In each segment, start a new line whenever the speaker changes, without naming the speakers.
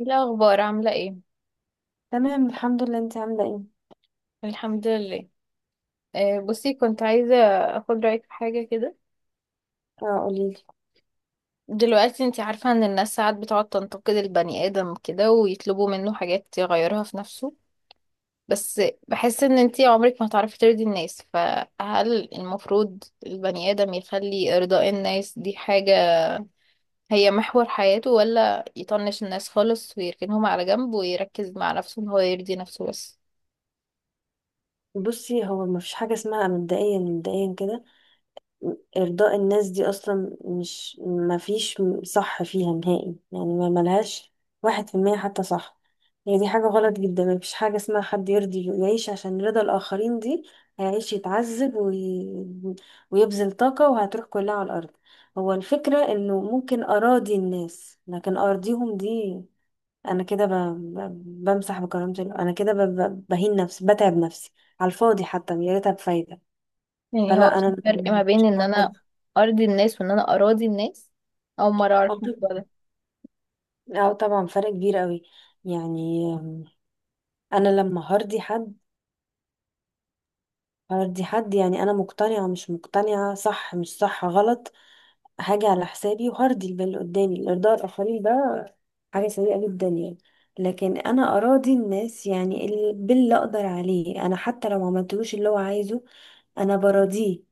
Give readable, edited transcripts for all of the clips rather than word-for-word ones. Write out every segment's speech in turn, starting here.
إيه الأخبار عاملة ايه؟
تمام، الحمد لله. انت عامله ايه؟
الحمد لله. بصي، كنت عايزة أخد رأيك في حاجة كده.
اه قوليلي.
دلوقتي انتي عارفة ان الناس ساعات بتقعد تنتقد البني آدم كده ويطلبوا منه حاجات يغيرها في نفسه، بس بحس ان انتي عمرك ما هتعرفي ترضي الناس. فهل المفروض البني آدم يخلي إرضاء الناس دي حاجة هي محور حياته، ولا يطنش الناس خالص ويركنهم على جنب ويركز مع نفسه ان هو يرضي نفسه بس؟
بصي، هو ما فيش حاجه اسمها. مبدئيا مبدئيا كده، ارضاء الناس دي اصلا، مش ما فيش صح فيها نهائي. يعني ما ملهاش 1% حتى صح. هي دي حاجه غلط جدا. ما فيش حاجه اسمها حد يرضي يعيش عشان رضا الاخرين. دي هيعيش يتعذب ويبذل طاقه وهتروح كلها على الارض. هو الفكره انه ممكن اراضي الناس، لكن ارضيهم دي انا كده ب... انا كده بهين نفسي، بتعب نفسي على الفاضي، حتى يا ريتها بفايدة.
يعني هو
فلا،
في
انا
فرق ما بين
مش
ان انا
مقدرة.
ارضي الناس وان انا اراضي الناس؟ اول مرة اعرف
اه
الموضوع
طب-
ده.
آه، طبعا فرق كبير قوي. يعني انا لما هرضي حد، هردي حد، يعني انا مقتنعة مش مقتنعة، صح مش صح، غلط حاجة على حسابي، وهرضي البال اللي قدامي. الارضاء الاخرين ده حاجة سيئة جدا يعني. لكن انا اراضي الناس يعني، باللي اقدر عليه انا، حتى لو ما عملتلوش اللي هو عايزه، انا براضيه.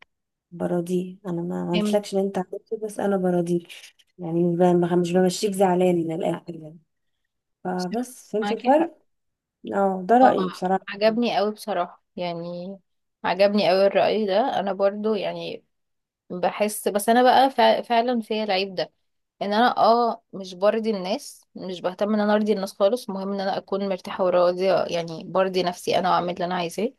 براضيه، انا ما
فهمت.
عملتلكش اللي انت عملته، بس انا براضيك. يعني مش بمشيك زعلان من الاخر يعني.
صح.
فبس، فهمت
معاكي حق.
الفرق. اه، ده
اه،
رأيي بصراحة.
عجبني قوي بصراحة يعني، عجبني قوي الرأي ده. انا برضو يعني بحس بس انا بقى فعلا فيا العيب ده، ان انا مش برضي الناس، مش بهتم ان انا ارضي الناس خالص. المهم ان انا اكون مرتاحة وراضية، يعني برضي نفسي انا واعمل اللي انا عايزاه،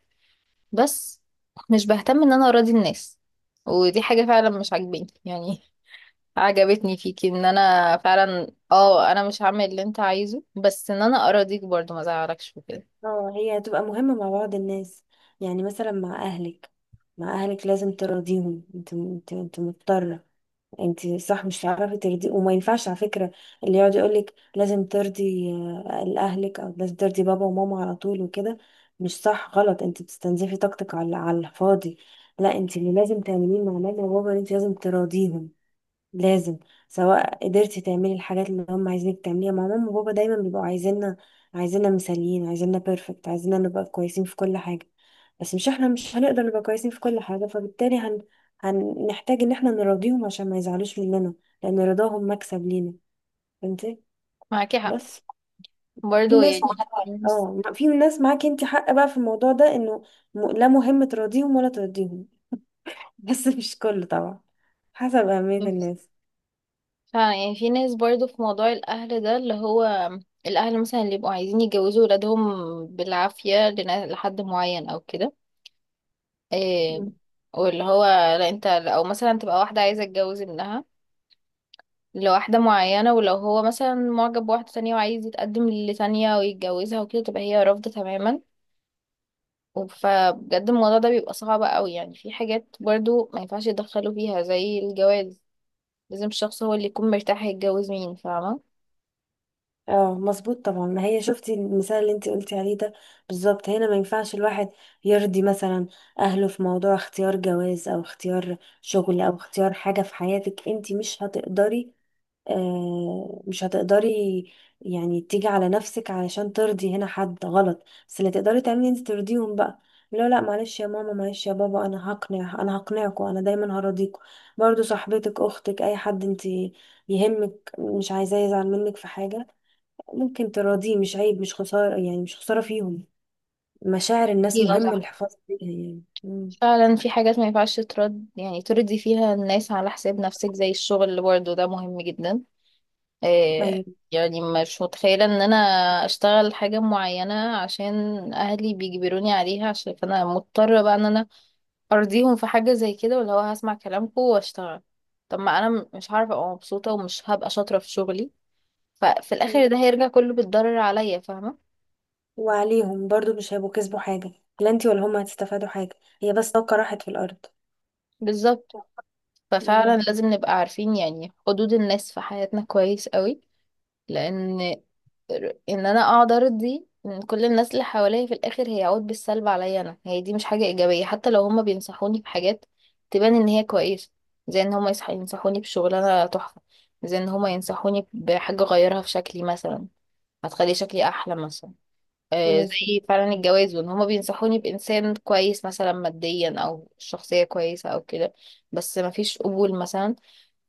بس مش بهتم ان انا اراضي الناس. ودي حاجة فعلا مش عاجباني يعني. عجبتني فيكي ان انا فعلا، اه، انا مش هعمل اللي انت عايزه بس ان انا اراضيك برضو، ما ازعلكش وكده.
اه، هي هتبقى مهمة مع بعض الناس، يعني مثلا مع أهلك لازم ترضيهم. انت مضطرة. انت صح مش هتعرفي ترضي، وما ينفعش على فكرة اللي يقعد يقولك لازم ترضي أهلك، أو لازم ترضي بابا وماما على طول وكده. مش صح، غلط. انت بتستنزفي طاقتك على الفاضي. لا، انت اللي لازم تعمليه مع ماما وبابا ان انت لازم تراضيهم، لازم. سواء قدرتي تعملي الحاجات اللي هم عايزينك تعمليها. مع ماما وبابا دايما بيبقوا عايزيننا، عايزيننا مثاليين، عايزيننا بيرفكت، عايزيننا نبقى كويسين في كل حاجة. بس مش، احنا مش هنقدر نبقى كويسين في كل حاجة، فبالتالي هنحتاج ان احنا نراضيهم عشان ما يزعلوش مننا، لان رضاهم مكسب لينا. فهمتي؟
معاكي حق
بس في
برضو
ناس.
يعني. ناس-
اه، في ناس معاكي انت حق بقى في الموضوع ده، انه لا، مهم تراضيهم ولا ترضيهم. بس مش كله طبعا، حسب أهمية
ناس-
الناس.
فعلا يعني في ناس برضو في موضوع الاهل ده، اللي هو الاهل مثلا اللي يبقوا عايزين يجوزوا ولادهم بالعافية لحد معين او كده. إيه، واللي هو لا، انت او مثلا تبقى واحدة عايزة تتجوز ابنها لواحدة معينة، ولو هو مثلا معجب بواحدة تانية وعايز يتقدم لتانية ويتجوزها وكده تبقى هي رافضة تماما. فبجد الموضوع ده بيبقى صعب قوي يعني. في حاجات برضو ما ينفعش يتدخلوا فيها زي الجواز. لازم الشخص هو اللي يكون مرتاح يتجوز مين، فاهمة.
اه مظبوط طبعا. ما هي شفتي المثال اللي انت قلتي عليه ده، بالظبط. هنا ما ينفعش الواحد يرضي، مثلا، اهله في موضوع اختيار جواز، او اختيار شغل، او اختيار حاجة في حياتك. انت مش هتقدري، آه مش هتقدري، يعني تيجي على نفسك علشان ترضي هنا حد، غلط. بس اللي تقدري تعملي، انت ترضيهم بقى. لا لا، معلش يا ماما، معلش يا بابا، انا هقنع، انا هقنعكم، انا دايما هراضيكم. برضو صاحبتك، اختك، اي حد انت يهمك مش عايزاه يزعل منك في حاجة، ممكن تراضيه. مش عيب، مش خسارة يعني، مش خسارة فيهم. مشاعر الناس
ايوه
مهم
صح.
الحفاظ عليها يعني. مم.
فعلا في حاجات ما ينفعش ترد يعني ترضي فيها الناس على حساب نفسك، زي الشغل اللي برضه ده مهم جدا. إيه،
أيوة.
يعني مش متخيلة ان انا اشتغل حاجة معينة عشان اهلي بيجبروني عليها، عشان فانا مضطرة بقى ان انا ارضيهم في حاجه زي كده، ولا هو هسمع كلامكم واشتغل؟ طب ما انا مش هعرف ابقى مبسوطه ومش هبقى شاطره في شغلي، ففي
مم.
الاخر ده هيرجع كله بالضرر عليا، فاهمه.
وعليهم برضو مش هيبقوا كسبوا حاجة. لا انتي ولا هما هتستفادوا حاجة. هي بس طاقة راحت في الأرض.
بالظبط. ففعلا
مم.
لازم نبقى عارفين يعني حدود الناس في حياتنا كويس قوي، لان ان انا اقعد ارضي من كل الناس اللي حواليا في الاخر هيعود بالسلب عليا انا. هي دي مش حاجه ايجابيه. حتى لو هما بينصحوني بحاجات تبان ان هي كويسه، زي ان هما ينصحوني بشغلانه تحفه، زي ان هما ينصحوني بحاجه اغيرها في شكلي مثلا هتخلي شكلي احلى مثلا،
مظبوط.
زي فعلا الجواز، وان هما بينصحوني بانسان كويس مثلا ماديا او شخصيه كويسه او كده، بس مفيش قبول مثلا.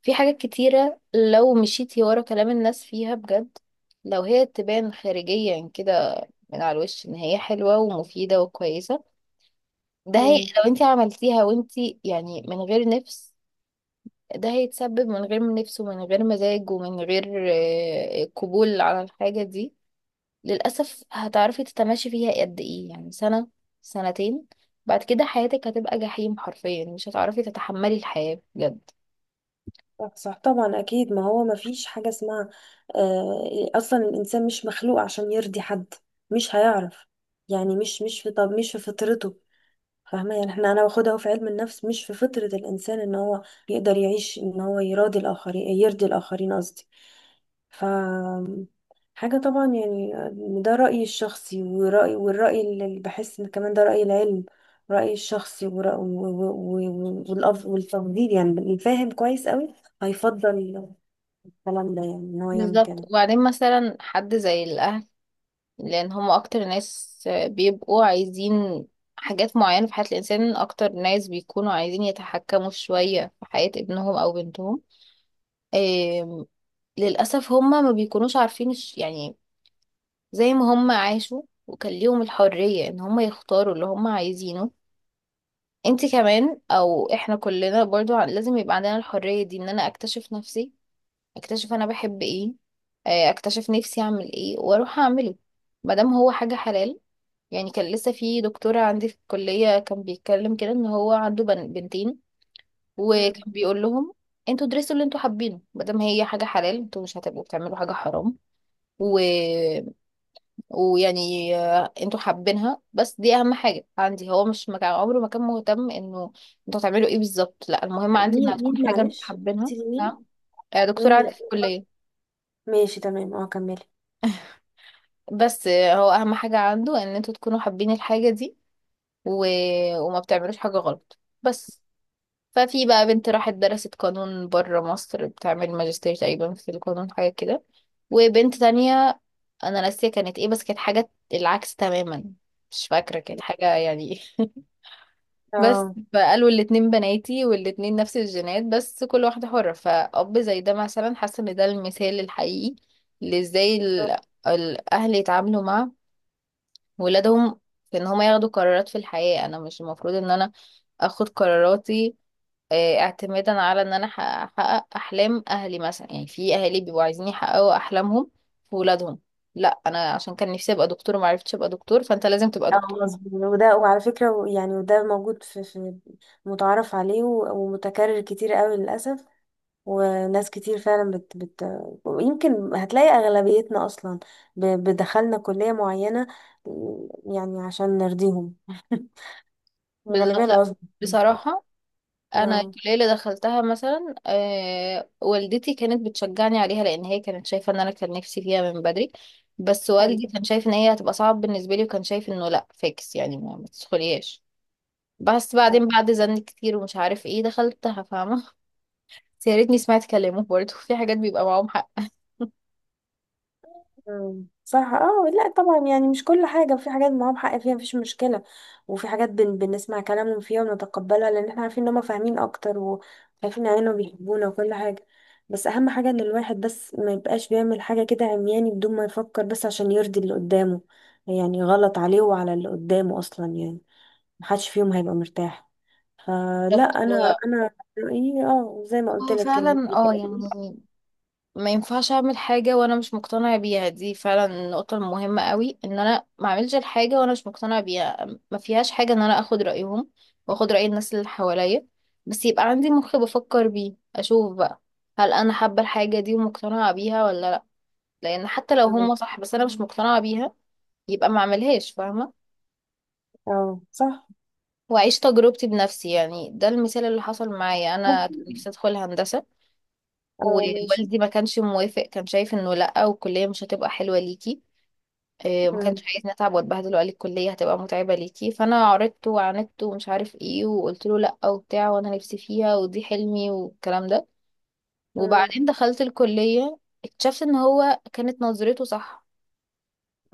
في حاجات كتيرة لو مشيتي ورا كلام الناس فيها بجد، لو هي تبان خارجيا كده من على الوش ان هي حلوة ومفيدة وكويسة، ده هي
مم.
لو انت عملتيها وانت يعني من غير نفس، ده هيتسبب من غير نفس ومن غير مزاج ومن غير قبول على الحاجة دي. للأسف هتعرفي تتماشي فيها قد ايه يعني؟ سنة، سنتين، بعد كده حياتك هتبقى جحيم حرفيا، مش هتعرفي تتحملي الحياة بجد.
صح صح. طبعا أكيد. ما هو ما فيش حاجة اسمها. أصلا، الإنسان مش مخلوق عشان يرضي حد، مش هيعرف. يعني مش في، طب مش في فطرته. فاهمة يعني، انا باخدها في علم النفس. مش في فطرة الانسان ان هو يقدر يعيش ان هو يراضي الاخرين، يرضي الاخرين قصدي. ف حاجة طبعا يعني. ده رأيي الشخصي والرأي اللي بحس ان كمان ده رأي العلم، رأيي الشخصي والتفضيل، يعني اللي فاهم كويس قوي هيفضل الكلام ده، يعني ان هو يعمل
بالظبط.
كده.
وبعدين مثلا حد زي الأهل، لان هم اكتر ناس بيبقوا عايزين حاجات معينة في حياة الانسان، اكتر ناس بيكونوا عايزين يتحكموا شوية في حياة ابنهم او بنتهم. آم، للاسف هم ما بيكونوش عارفين يعني زي ما هم عاشوا وكان ليهم الحرية ان هم يختاروا اللي هم عايزينه، انت كمان او احنا كلنا برضو لازم يبقى عندنا الحرية دي، ان انا اكتشف نفسي، اكتشف انا بحب ايه، اكتشف نفسي اعمل ايه واروح اعمله، مادام هو حاجة حلال. يعني كان لسه في دكتورة عندي في الكلية كان بيتكلم كده ان هو عنده بنتين،
مم.
وكان بيقول لهم انتوا درسوا اللي انتوا حابينه مادام هي حاجة حلال، انتوا مش هتبقوا بتعملوا حاجة حرام، و... ويعني انتوا حابينها، بس دي اهم حاجة عندي. هو مش مكان عمره ما كان مهتم انه انتوا هتعملوا ايه بالظبط، لا المهم عندي انها
مين
تكون حاجة انتوا
معلش
حابينها.
قلتيلي مين؟
نعم. دكتورة
مين؟
عندي
لا،
في الكلية.
ماشي، تمام، اه كملي.
بس هو اهم حاجة عنده ان انتوا تكونوا حابين الحاجة دي و... وما بتعملوش حاجة غلط بس. ففي بقى بنت راحت درست قانون بره مصر، بتعمل ماجستير تقريبا في القانون حاجة كده، وبنت تانية أنا ناسية كانت ايه بس كانت حاجة العكس تماما، مش فاكرة كانت حاجة يعني. بس
اه
فقالوا الاتنين بناتي والاتنين نفس الجينات بس كل واحدة حرة. فأب زي ده مثلا حاسة ان ده المثال الحقيقي لازاي الأهل يتعاملوا مع ولادهم في ان هما ياخدوا قرارات في الحياة. انا مش المفروض ان انا اخد قراراتي اعتمادا على ان انا احقق احلام اهلي مثلا. يعني في اهالي بيبقوا عايزين يحققوا احلامهم في ولادهم. لا، انا عشان كان نفسي ابقى دكتور وما عرفتش ابقى دكتور فانت لازم تبقى
اه
دكتور.
مظبوط. وده، وعلى فكرة يعني وده موجود في متعارف عليه ومتكرر كتير قوي للأسف. وناس كتير فعلا بت بت يمكن هتلاقي أغلبيتنا أصلا بدخلنا كلية معينة يعني عشان نرضيهم. الغالبية
بالظبط. لا
العظمى.
بصراحة، انا
اه
الكلية اللي دخلتها مثلا، والدتي كانت بتشجعني عليها لان هي كانت شايفة ان انا كان نفسي فيها من بدري، بس
حلو.
والدي كان شايف ان هي هتبقى صعب بالنسبة لي، وكان شايف انه لا، فيكس يعني، ما تدخليهاش. بس بعدين بعد زن كتير ومش عارف ايه دخلتها، فاهمة. بس يا ريتني سمعت كلامه برضه. في حاجات بيبقى معاهم حق.
مم. صح. اه لا طبعا يعني، مش كل حاجة، في حاجات معاهم حق فيها، مفيش مشكلة. وفي حاجات بنسمع كلامهم فيها ونتقبلها، لأن احنا عارفين ان هما فاهمين أكتر وعارفين يعني انهم بيحبونا وكل حاجة. بس أهم حاجة ان الواحد بس ما يبقاش بيعمل حاجة كده عمياني بدون ما يفكر، بس عشان يرضي اللي قدامه. يعني غلط عليه وعلى اللي قدامه أصلا يعني. محدش فيهم هيبقى مرتاح. فلا،
بالظبط،
أنا أنا رأيي، اه زي ما قلت
هو
لك
فعلا اه يعني ما ينفعش اعمل حاجة وانا مش مقتنع بيها. دي فعلا النقطة المهمة قوي، ان انا ما اعملش الحاجة وانا مش مقتنع بيها. ما فيهاش حاجة ان انا اخد رأيهم واخد رأي الناس اللي حواليا، بس يبقى عندي مخ بفكر بيه اشوف بقى هل انا حابة الحاجة دي ومقتنعة بيها ولا لا. لان حتى لو هم
اه.
صح بس انا مش مقتنعة بيها يبقى ما اعملهاش، فاهمة.
آه، صح.
واعيش تجربتي بنفسي. يعني ده المثال اللي حصل معايا، انا كان نفسي ادخل هندسه،
اه ماشي.
ووالدي ما كانش موافق، كان شايف انه لا، والكليه مش هتبقى حلوه ليكي. إيه، ما كانش
مم.
عايز نتعب واتبهدل، وقال لي الكليه هتبقى متعبه ليكي، فانا عرضت وعاندت ومش عارف ايه، وقلت له لا وبتاع وانا نفسي فيها ودي حلمي والكلام ده.
مم.
وبعدين دخلت الكليه، اكتشفت ان هو كانت نظرته صح،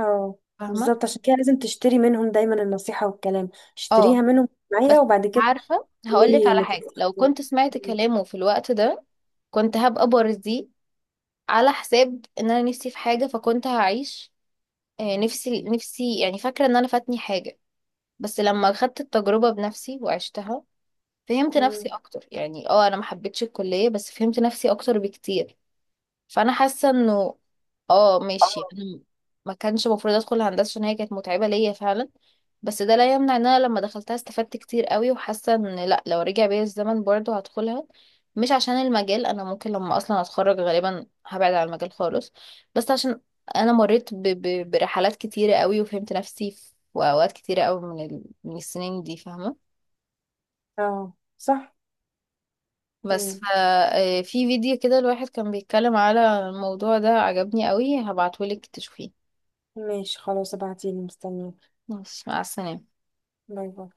اه
فاهمه.
بالظبط، عشان كده لازم تشتري منهم دايما النصيحة والكلام.
اه
اشتريها منهم
بس
معايا، وبعد كده
عارفه هقول لك
تعملي
على
نتيجة.
حاجه، لو كنت سمعت
مم.
كلامه في الوقت ده كنت هبقى برزي على حساب ان انا نفسي في حاجة، فكنت هعيش نفسي يعني فاكرة ان انا فاتني حاجة. بس لما خدت التجربة بنفسي وعشتها فهمت
مم.
نفسي اكتر، يعني اه انا ما حبيتش الكلية بس فهمت نفسي اكتر بكتير. فانا حاسه انه اه ماشي، انا ما كانش المفروض ادخل هندسه عشان هي كانت متعبه ليا فعلا، بس ده لا يمنع ان انا لما دخلتها استفدت كتير قوي، وحاسه ان لا، لو رجع بيا الزمن برضه هدخلها. مش عشان المجال، انا ممكن لما اصلا اتخرج غالبا هبعد عن المجال خالص، بس عشان انا مريت برحلات كتيره قوي، وفهمت نفسي في اوقات كتيره قوي من من السنين دي، فاهمه.
اه صح.
بس
مم.
في فيديو كده الواحد كان بيتكلم على الموضوع ده، عجبني قوي، هبعتهولك تشوفيه.
ماشي، خلاص، ابعتيلي، مستنيك.
ماشي، مع السلامة.
باي باي.